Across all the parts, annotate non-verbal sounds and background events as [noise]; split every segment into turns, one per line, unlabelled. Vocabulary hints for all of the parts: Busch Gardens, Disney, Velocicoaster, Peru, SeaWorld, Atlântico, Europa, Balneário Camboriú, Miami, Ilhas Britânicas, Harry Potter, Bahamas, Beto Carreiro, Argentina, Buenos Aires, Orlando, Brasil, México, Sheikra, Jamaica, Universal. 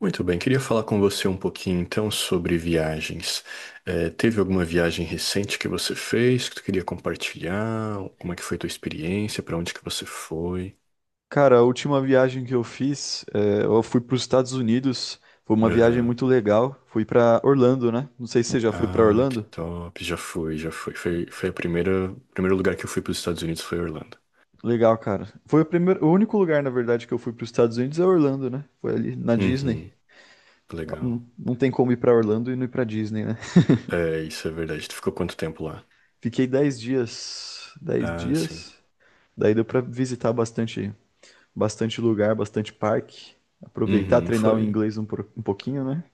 Muito bem, queria falar com você um pouquinho então sobre viagens. Teve alguma viagem recente que você fez que tu queria compartilhar? Como é que foi tua experiência? Para onde que você foi?
Cara, a última viagem que eu fiz, eu fui para os Estados Unidos. Foi uma viagem
Aham.
muito legal. Fui para Orlando, né? Não sei se você já foi para
Ah, que
Orlando.
top! Já fui, já fui. Foi o primeiro lugar que eu fui para os Estados Unidos foi Orlando.
Legal, cara. Foi o primeiro, o único lugar, na verdade, que eu fui para os Estados Unidos é Orlando, né? Foi ali na Disney.
Uhum, legal.
Não, não tem como ir para Orlando e não ir para Disney, né?
É, isso é verdade. Tu ficou quanto tempo lá?
[laughs] Fiquei 10 dias, dez
Ah,
dias.
sim.
Daí deu para visitar bastante, bastante lugar, bastante parque. Aproveitar,
Uhum,
treinar o
foi.
inglês um pouquinho, né?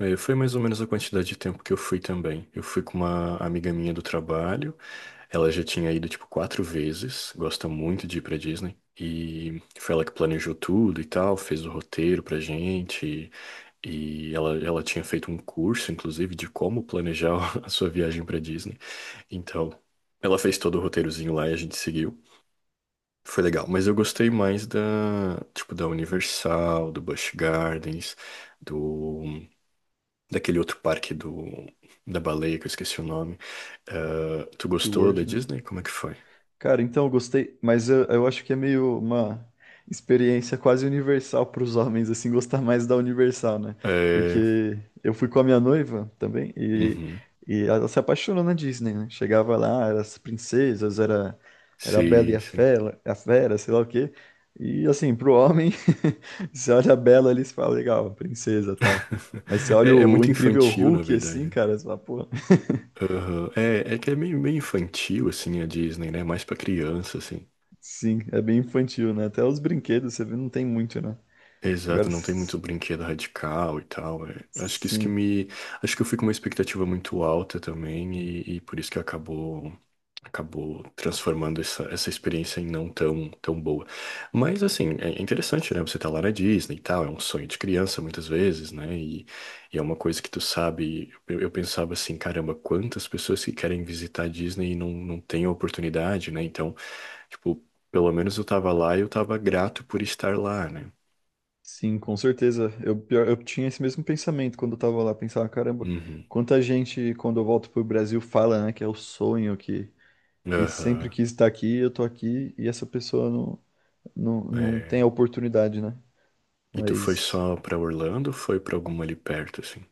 É, foi mais ou menos a quantidade de tempo que eu fui também. Eu fui com uma amiga minha do trabalho. Ela já tinha ido, tipo, quatro vezes, gosta muito de ir pra Disney. E foi ela que planejou tudo e tal, fez o roteiro pra gente. E ela tinha feito um curso, inclusive, de como planejar [laughs] a sua viagem pra Disney. Então, ela fez todo o roteirozinho lá e a gente seguiu. Foi legal, mas eu gostei mais da, tipo, da Universal, do Busch Gardens, do, daquele outro parque da baleia, que eu esqueci o nome. Tu gostou da
SeaWorld, né?
Disney? Como é que foi?
Cara, então eu gostei, mas eu acho que é meio uma experiência quase universal para os homens, assim, gostar mais da Universal, né?
É.
Porque eu fui com a minha noiva também
Uhum.
e ela se apaixonou na Disney, né? Chegava lá, era as princesas, era, era a Bela e
Sim, sim.
A Fera, sei lá o quê. E assim, pro homem, [laughs] você olha a Bela ali e você fala, legal, princesa e tal. Mas você
[laughs]
olha
É, é
o
muito
incrível
infantil, na
Hulk assim,
verdade.
cara, você fala, pô,
Aham. É, é que é meio, meio infantil, assim, a Disney, né? Mais pra criança, assim.
sim, é bem infantil, né? Até os brinquedos, você vê, não tem muito, né? Agora,
Exato, não tem
s-
muito brinquedo radical e tal, é. Acho que isso que
sim,
me. Acho que eu fui com uma expectativa muito alta também, e por isso que acabou transformando essa experiência em não tão boa. Mas assim, é interessante, né? Você tá lá na Disney e tal, é um sonho de criança muitas vezes, né? E é uma coisa que tu sabe. Eu pensava assim, caramba, quantas pessoas que querem visitar a Disney e não têm a oportunidade, né? Então, tipo, pelo menos eu tava lá e eu tava grato por estar lá, né?
sim, com certeza. Eu tinha esse mesmo pensamento quando eu tava lá. Pensava, caramba,
Uhum.
quanta gente, quando eu volto pro Brasil, fala, né, que é o sonho, que sempre
Aham.
quis estar aqui, eu tô aqui, e essa pessoa não, não tem a
É.
oportunidade, né?
E tu foi
Mas,
só pra Orlando ou foi pra alguma ali perto, assim?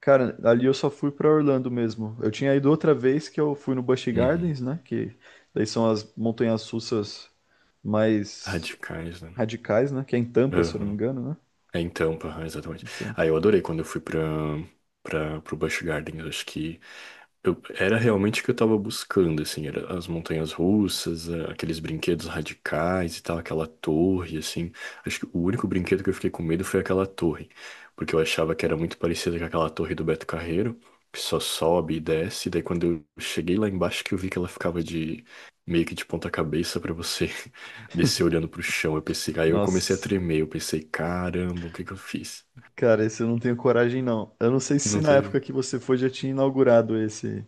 cara, ali eu só fui pra Orlando mesmo. Eu tinha ido outra vez que eu fui no Busch
Uhum.
Gardens, né, que daí são as montanhas russas mais
Radicais, né?
radicais, né, que é em Tampa, se eu não me
Aham.
engano, né?
É em Tampa, aham, exatamente.
Tampa.
Ah, eu adorei quando eu fui pro Busch Gardens. Acho que eu, era realmente o que eu tava buscando, assim, era as montanhas russas, aqueles brinquedos radicais e tal, aquela torre, assim. Acho que o único brinquedo que eu fiquei com medo foi aquela torre, porque eu achava que era muito parecida com aquela torre do Beto Carreiro, que só sobe e desce, e daí quando eu cheguei lá embaixo que eu vi que ela ficava de meio que de ponta cabeça pra você [laughs] descer olhando pro chão. Eu pensei, aí eu comecei a
Nossa.
tremer, eu pensei, caramba, o que que eu fiz?
Cara, esse eu não tenho coragem, não. Eu não sei se
Não
na época
teve.
que você foi já tinha inaugurado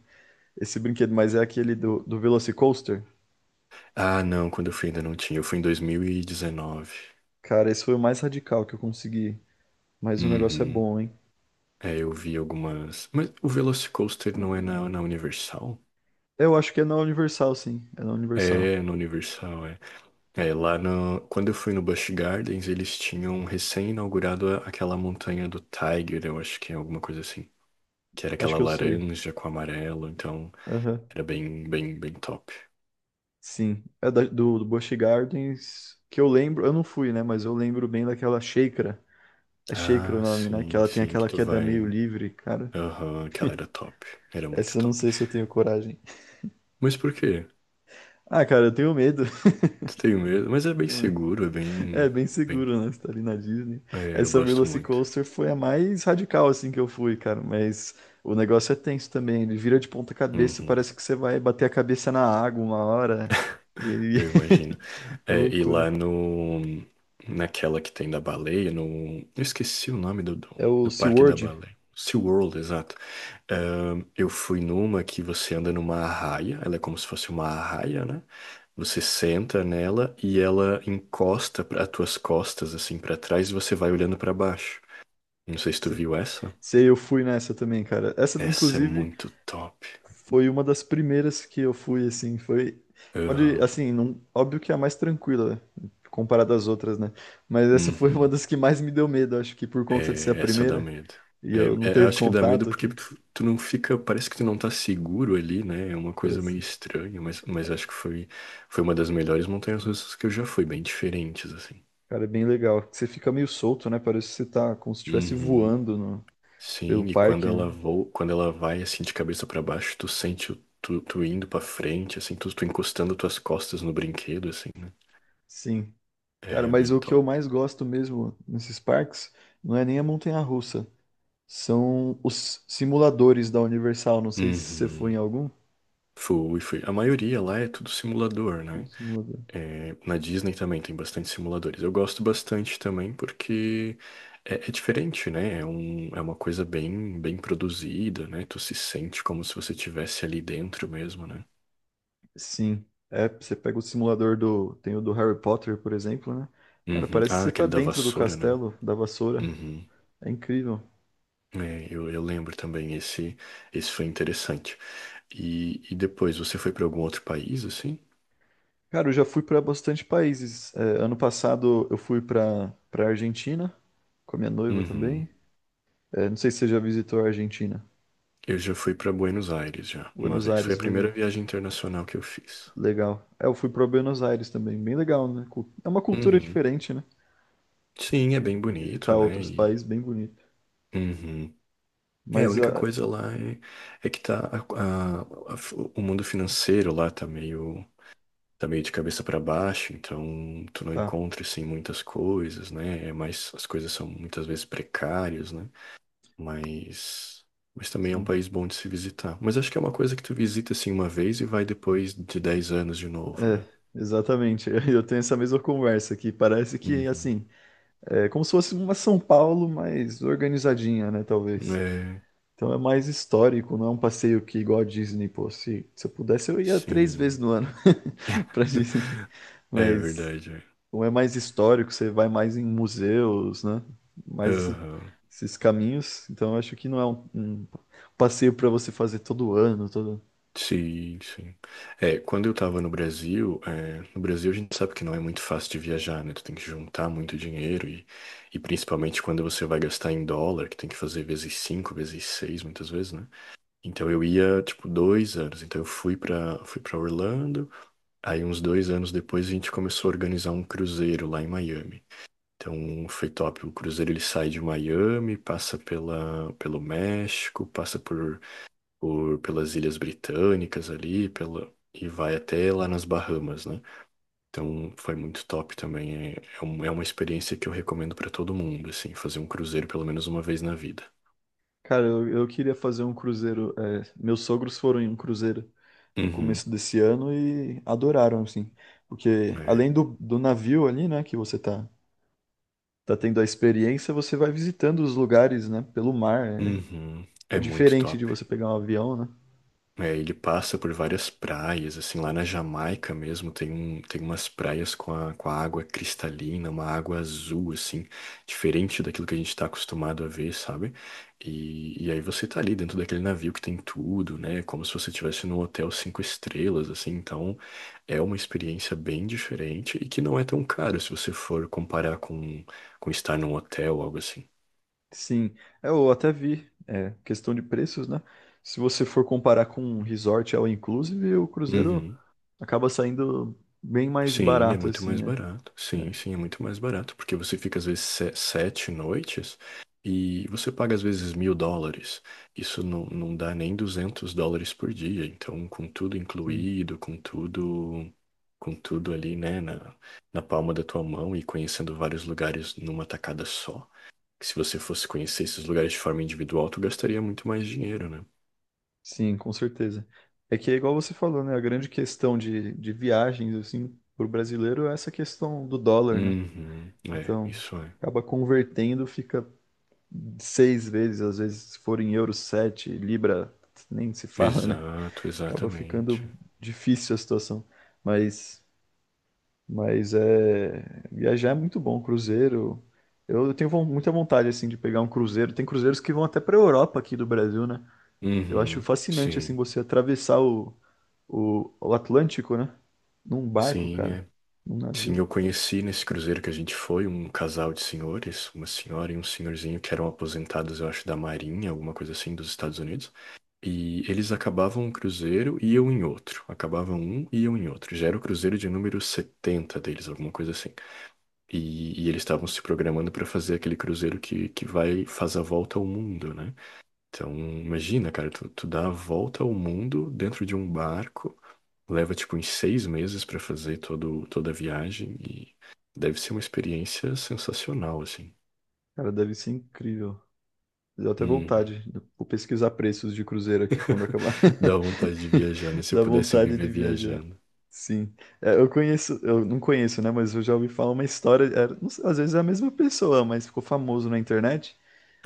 esse brinquedo, mas é aquele do Velocicoaster.
Ah, não, quando eu fui ainda não tinha, eu fui em 2019.
Cara, esse foi o mais radical que eu consegui. Mas o negócio é
Uhum.
bom, hein?
É, eu vi algumas. Mas o Velocicoaster não é na Universal?
Eu acho que é na Universal, sim. É na
É,
Universal.
é na Universal, é. É, lá no... Quando eu fui no Busch Gardens, eles tinham recém-inaugurado aquela montanha do Tiger, eu acho que é alguma coisa assim. Que era
Acho
aquela
que eu sei.
laranja com amarelo, então
Aham.
era bem, bem, bem top.
Sim. Do Busch Gardens, que eu lembro. Eu não fui, né? Mas eu lembro bem daquela Sheikra. É Sheikra o
Ah,
nome, né? Que
sim,
ela tem
sim, que
aquela
tu
queda meio
vai.
livre, cara.
Aham, aquela era top. Era muito
Essa eu não
top.
sei se eu tenho coragem.
Mas por quê?
Ah, cara, eu tenho medo.
Tu tem medo? Mas é bem seguro, é
[laughs] É
bem.
bem
Bem.
seguro, né? Você tá ali na Disney.
É, eu
Essa
gosto muito.
Velocicoaster foi a mais radical, assim, que eu fui, cara. Mas o negócio é tenso também. Ele vira de ponta cabeça,
Uhum.
parece que você vai bater a cabeça na água uma hora.
[laughs]
E aí
Eu imagino.
[laughs] é
É, e
loucura.
lá no, naquela que tem da baleia, no, eu esqueci o nome
É o
do parque da
SeaWorld.
baleia. SeaWorld, exato. Eu fui numa que você anda numa arraia, ela é como se fosse uma arraia, né? Você senta nela e ela encosta para as tuas costas, assim, para trás, e você vai olhando para baixo. Não sei se tu
Se-
viu essa.
Sei, eu fui nessa também, cara. Essa,
Essa é
inclusive,
muito top.
foi uma das primeiras que eu fui, assim. Foi. Pode,
Aham.
assim, não, óbvio que é a mais tranquila comparada às outras, né? Mas essa foi uma
Uhum.
das que mais me deu medo, acho que por conta de ser a
É, essa dá
primeira.
medo.
E
É,
eu não ter
Acho que dá medo
contato
porque
aqui.
tu não fica, parece que tu não tá seguro ali, né? É uma coisa meio
Parece.
estranha, mas acho que foi uma das melhores montanhas russas que eu já fui, bem diferentes, assim.
Cara, é bem legal. Você fica meio solto, né? Parece que você tá como se estivesse
Uhum.
voando pelo
Sim, e quando
parque, né?
ela voa, quando ela vai assim de cabeça pra baixo, tu sente tu indo pra frente, assim, tu encostando tuas costas no brinquedo, assim, né?
Sim. Cara,
É
mas
bem
o que
top.
eu mais gosto mesmo nesses parques não é nem a montanha-russa. São os simuladores da Universal. Não sei se você foi em
Uhum.
algum.
Fui, fui. A maioria lá é tudo simulador, né?
Simulador.
É, na Disney também tem bastante simuladores. Eu gosto bastante também porque é diferente, né? É uma coisa bem, bem produzida, né? Tu se sente como se você estivesse ali dentro mesmo, né?
Sim. É, você pega o simulador do. Tem o do Harry Potter, por exemplo, né? Cara,
Uhum.
parece que
Ah,
você tá
aquele da
dentro do
vassoura, né?
castelo da vassoura.
Uhum.
É incrível.
É, eu lembro também, esse foi interessante. E depois, você foi para algum outro país, assim?
Cara, eu já fui para bastante países. É, ano passado eu fui para Argentina com a minha noiva
Uhum.
também. É, não sei se você já visitou a Argentina.
Eu já fui para Buenos Aires já, uma
Buenos
vez. Foi a
Aires,
primeira
legal.
viagem internacional que eu fiz.
Legal. É, eu fui para Buenos Aires também, bem legal, né? É uma cultura
Uhum.
diferente, né?
Sim, é bem
De visitar
bonito, né?
outros
E.
países, bem bonito.
Uhum. É, a
Mas
única
ah,
coisa é que o mundo financeiro lá tá meio de cabeça para baixo, então tu não
tá.
encontra assim muitas coisas, né? É mais, as coisas são muitas vezes precárias, né? Mas mas também é um
Sim.
país bom de se visitar. Mas acho que é uma coisa que tu visita assim uma vez e vai depois de dez anos de novo,
É,
né?
exatamente. [laughs] Eu tenho essa mesma conversa aqui. Parece que
Uhum.
assim, é como se fosse uma São Paulo, mais organizadinha, né? Talvez.
É,
Então é mais histórico, não é um passeio que igual a Disney, pô. Se eu pudesse, eu ia 3 vezes
sim.
no ano [laughs] pra Disney.
[laughs] É
Mas
verdade, é.
como é mais histórico, você vai mais em museus, né? Mais esse-
Aham.
esses caminhos. Então eu acho que não é um passeio pra você fazer todo ano, todo.
Sim, sim. É, quando eu tava no Brasil, é, no Brasil a gente sabe que não é muito fácil de viajar, né? Tu tem que juntar muito dinheiro e, principalmente quando você vai gastar em dólar, que tem que fazer vezes cinco, vezes seis, muitas vezes, né? Então eu ia, tipo, dois anos. Então eu fui pra Orlando, aí uns dois anos depois a gente começou a organizar um cruzeiro lá em Miami. Então foi top. O cruzeiro ele sai de Miami, passa pelo México, passa por pelas Ilhas Britânicas ali, pela e vai até lá nas Bahamas, né? Então foi muito top também. É, é uma experiência que eu recomendo para todo mundo, assim, fazer um cruzeiro pelo menos uma vez na vida.
Cara, eu queria fazer um cruzeiro. É, meus sogros foram em um cruzeiro no
Uhum,
começo desse ano e adoraram, assim. Porque
é.
além do navio ali, né, que você tá tendo a experiência, você vai visitando os lugares, né, pelo mar.
Uhum,
É, é
é muito
diferente de
top.
você pegar um avião, né?
É, ele passa por várias praias, assim, lá na Jamaica mesmo tem um, tem umas praias com a água cristalina, uma água azul, assim, diferente daquilo que a gente está acostumado a ver, sabe? E aí você tá ali dentro daquele navio que tem tudo, né? Como se você estivesse num hotel cinco estrelas, assim, então é uma experiência bem diferente e que não é tão caro se você for comparar com, estar num hotel, algo assim.
Sim, é, eu até vi, é, questão de preços, né? Se você for comparar com um resort all inclusive, o cruzeiro
Uhum.
acaba saindo bem mais
Sim, é
barato,
muito mais
assim, né?
barato. Sim, sim, é muito mais barato, porque você fica às vezes sete noites e você paga às vezes mil dólares. Isso não dá nem 200 dólares por dia. Então, com tudo
Sim,
incluído, com tudo ali, né, na palma da tua mão e conhecendo vários lugares numa tacada só. Que se você fosse conhecer esses lugares de forma individual, tu gastaria muito mais dinheiro, né?
sim, com certeza. É que é igual você falou, né? A grande questão de viagens, assim, pro brasileiro é essa questão do dólar, né?
Uhum, é,
Então,
isso é.
acaba convertendo, fica 6 vezes, às vezes, se for em euro, sete, libra, nem se fala, né?
Exato,
Acaba
exatamente.
ficando difícil a situação. Mas, mas é viajar é muito bom, cruzeiro. Eu tenho muita vontade assim de pegar um cruzeiro. Tem cruzeiros que vão até para Europa aqui do Brasil, né? Eu acho
Uhum,
fascinante assim
sim.
você atravessar o Atlântico, né? Num barco,
Sim,
cara,
é.
num
Sim,
navio.
eu conheci nesse cruzeiro que a gente foi um casal de senhores, uma senhora e um senhorzinho que eram aposentados, eu acho, da Marinha, alguma coisa assim, dos Estados Unidos. E eles acabavam um cruzeiro e eu em outro. Acabavam um e eu em outro. Já era o cruzeiro de número 70 deles, alguma coisa assim. E eles estavam se programando para fazer aquele cruzeiro que vai, faz a volta ao mundo, né? Então, imagina, cara, tu dá a volta ao mundo dentro de um barco. Leva tipo uns seis meses pra fazer toda a viagem e deve ser uma experiência sensacional, assim.
Cara, deve ser incrível. Deu até
Hum.
vontade. Vou pesquisar preços de cruzeiro aqui quando acabar. [laughs]
[laughs] Dá vontade de viajar, né?
[laughs]
Se eu
Dá
pudesse
vontade
viver
de viajar.
viajando.
Sim. É, eu conheço, eu não conheço, né? Mas eu já ouvi falar uma história. Não sei, às vezes é a mesma pessoa, mas ficou famoso na internet.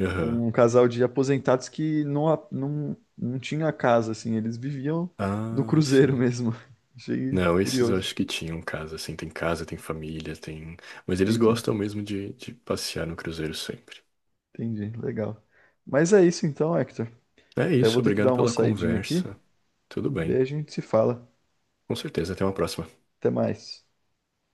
Aham.
Um casal de aposentados que não, não, não tinha casa, assim. Eles viviam no
Ah,
cruzeiro
sim.
mesmo. [laughs] Achei
Não, esses eu
curioso.
acho que tinham casa, assim. Tem casa, tem família, tem. Mas eles
Entendi,
gostam mesmo de passear no cruzeiro sempre.
entendi. Legal. Mas é isso então, Hector.
É
Eu vou
isso,
ter que
obrigado
dar uma
pela
saidinha aqui.
conversa. Tudo
Daí
bem.
a gente se fala.
Com certeza, até uma próxima.
Até mais.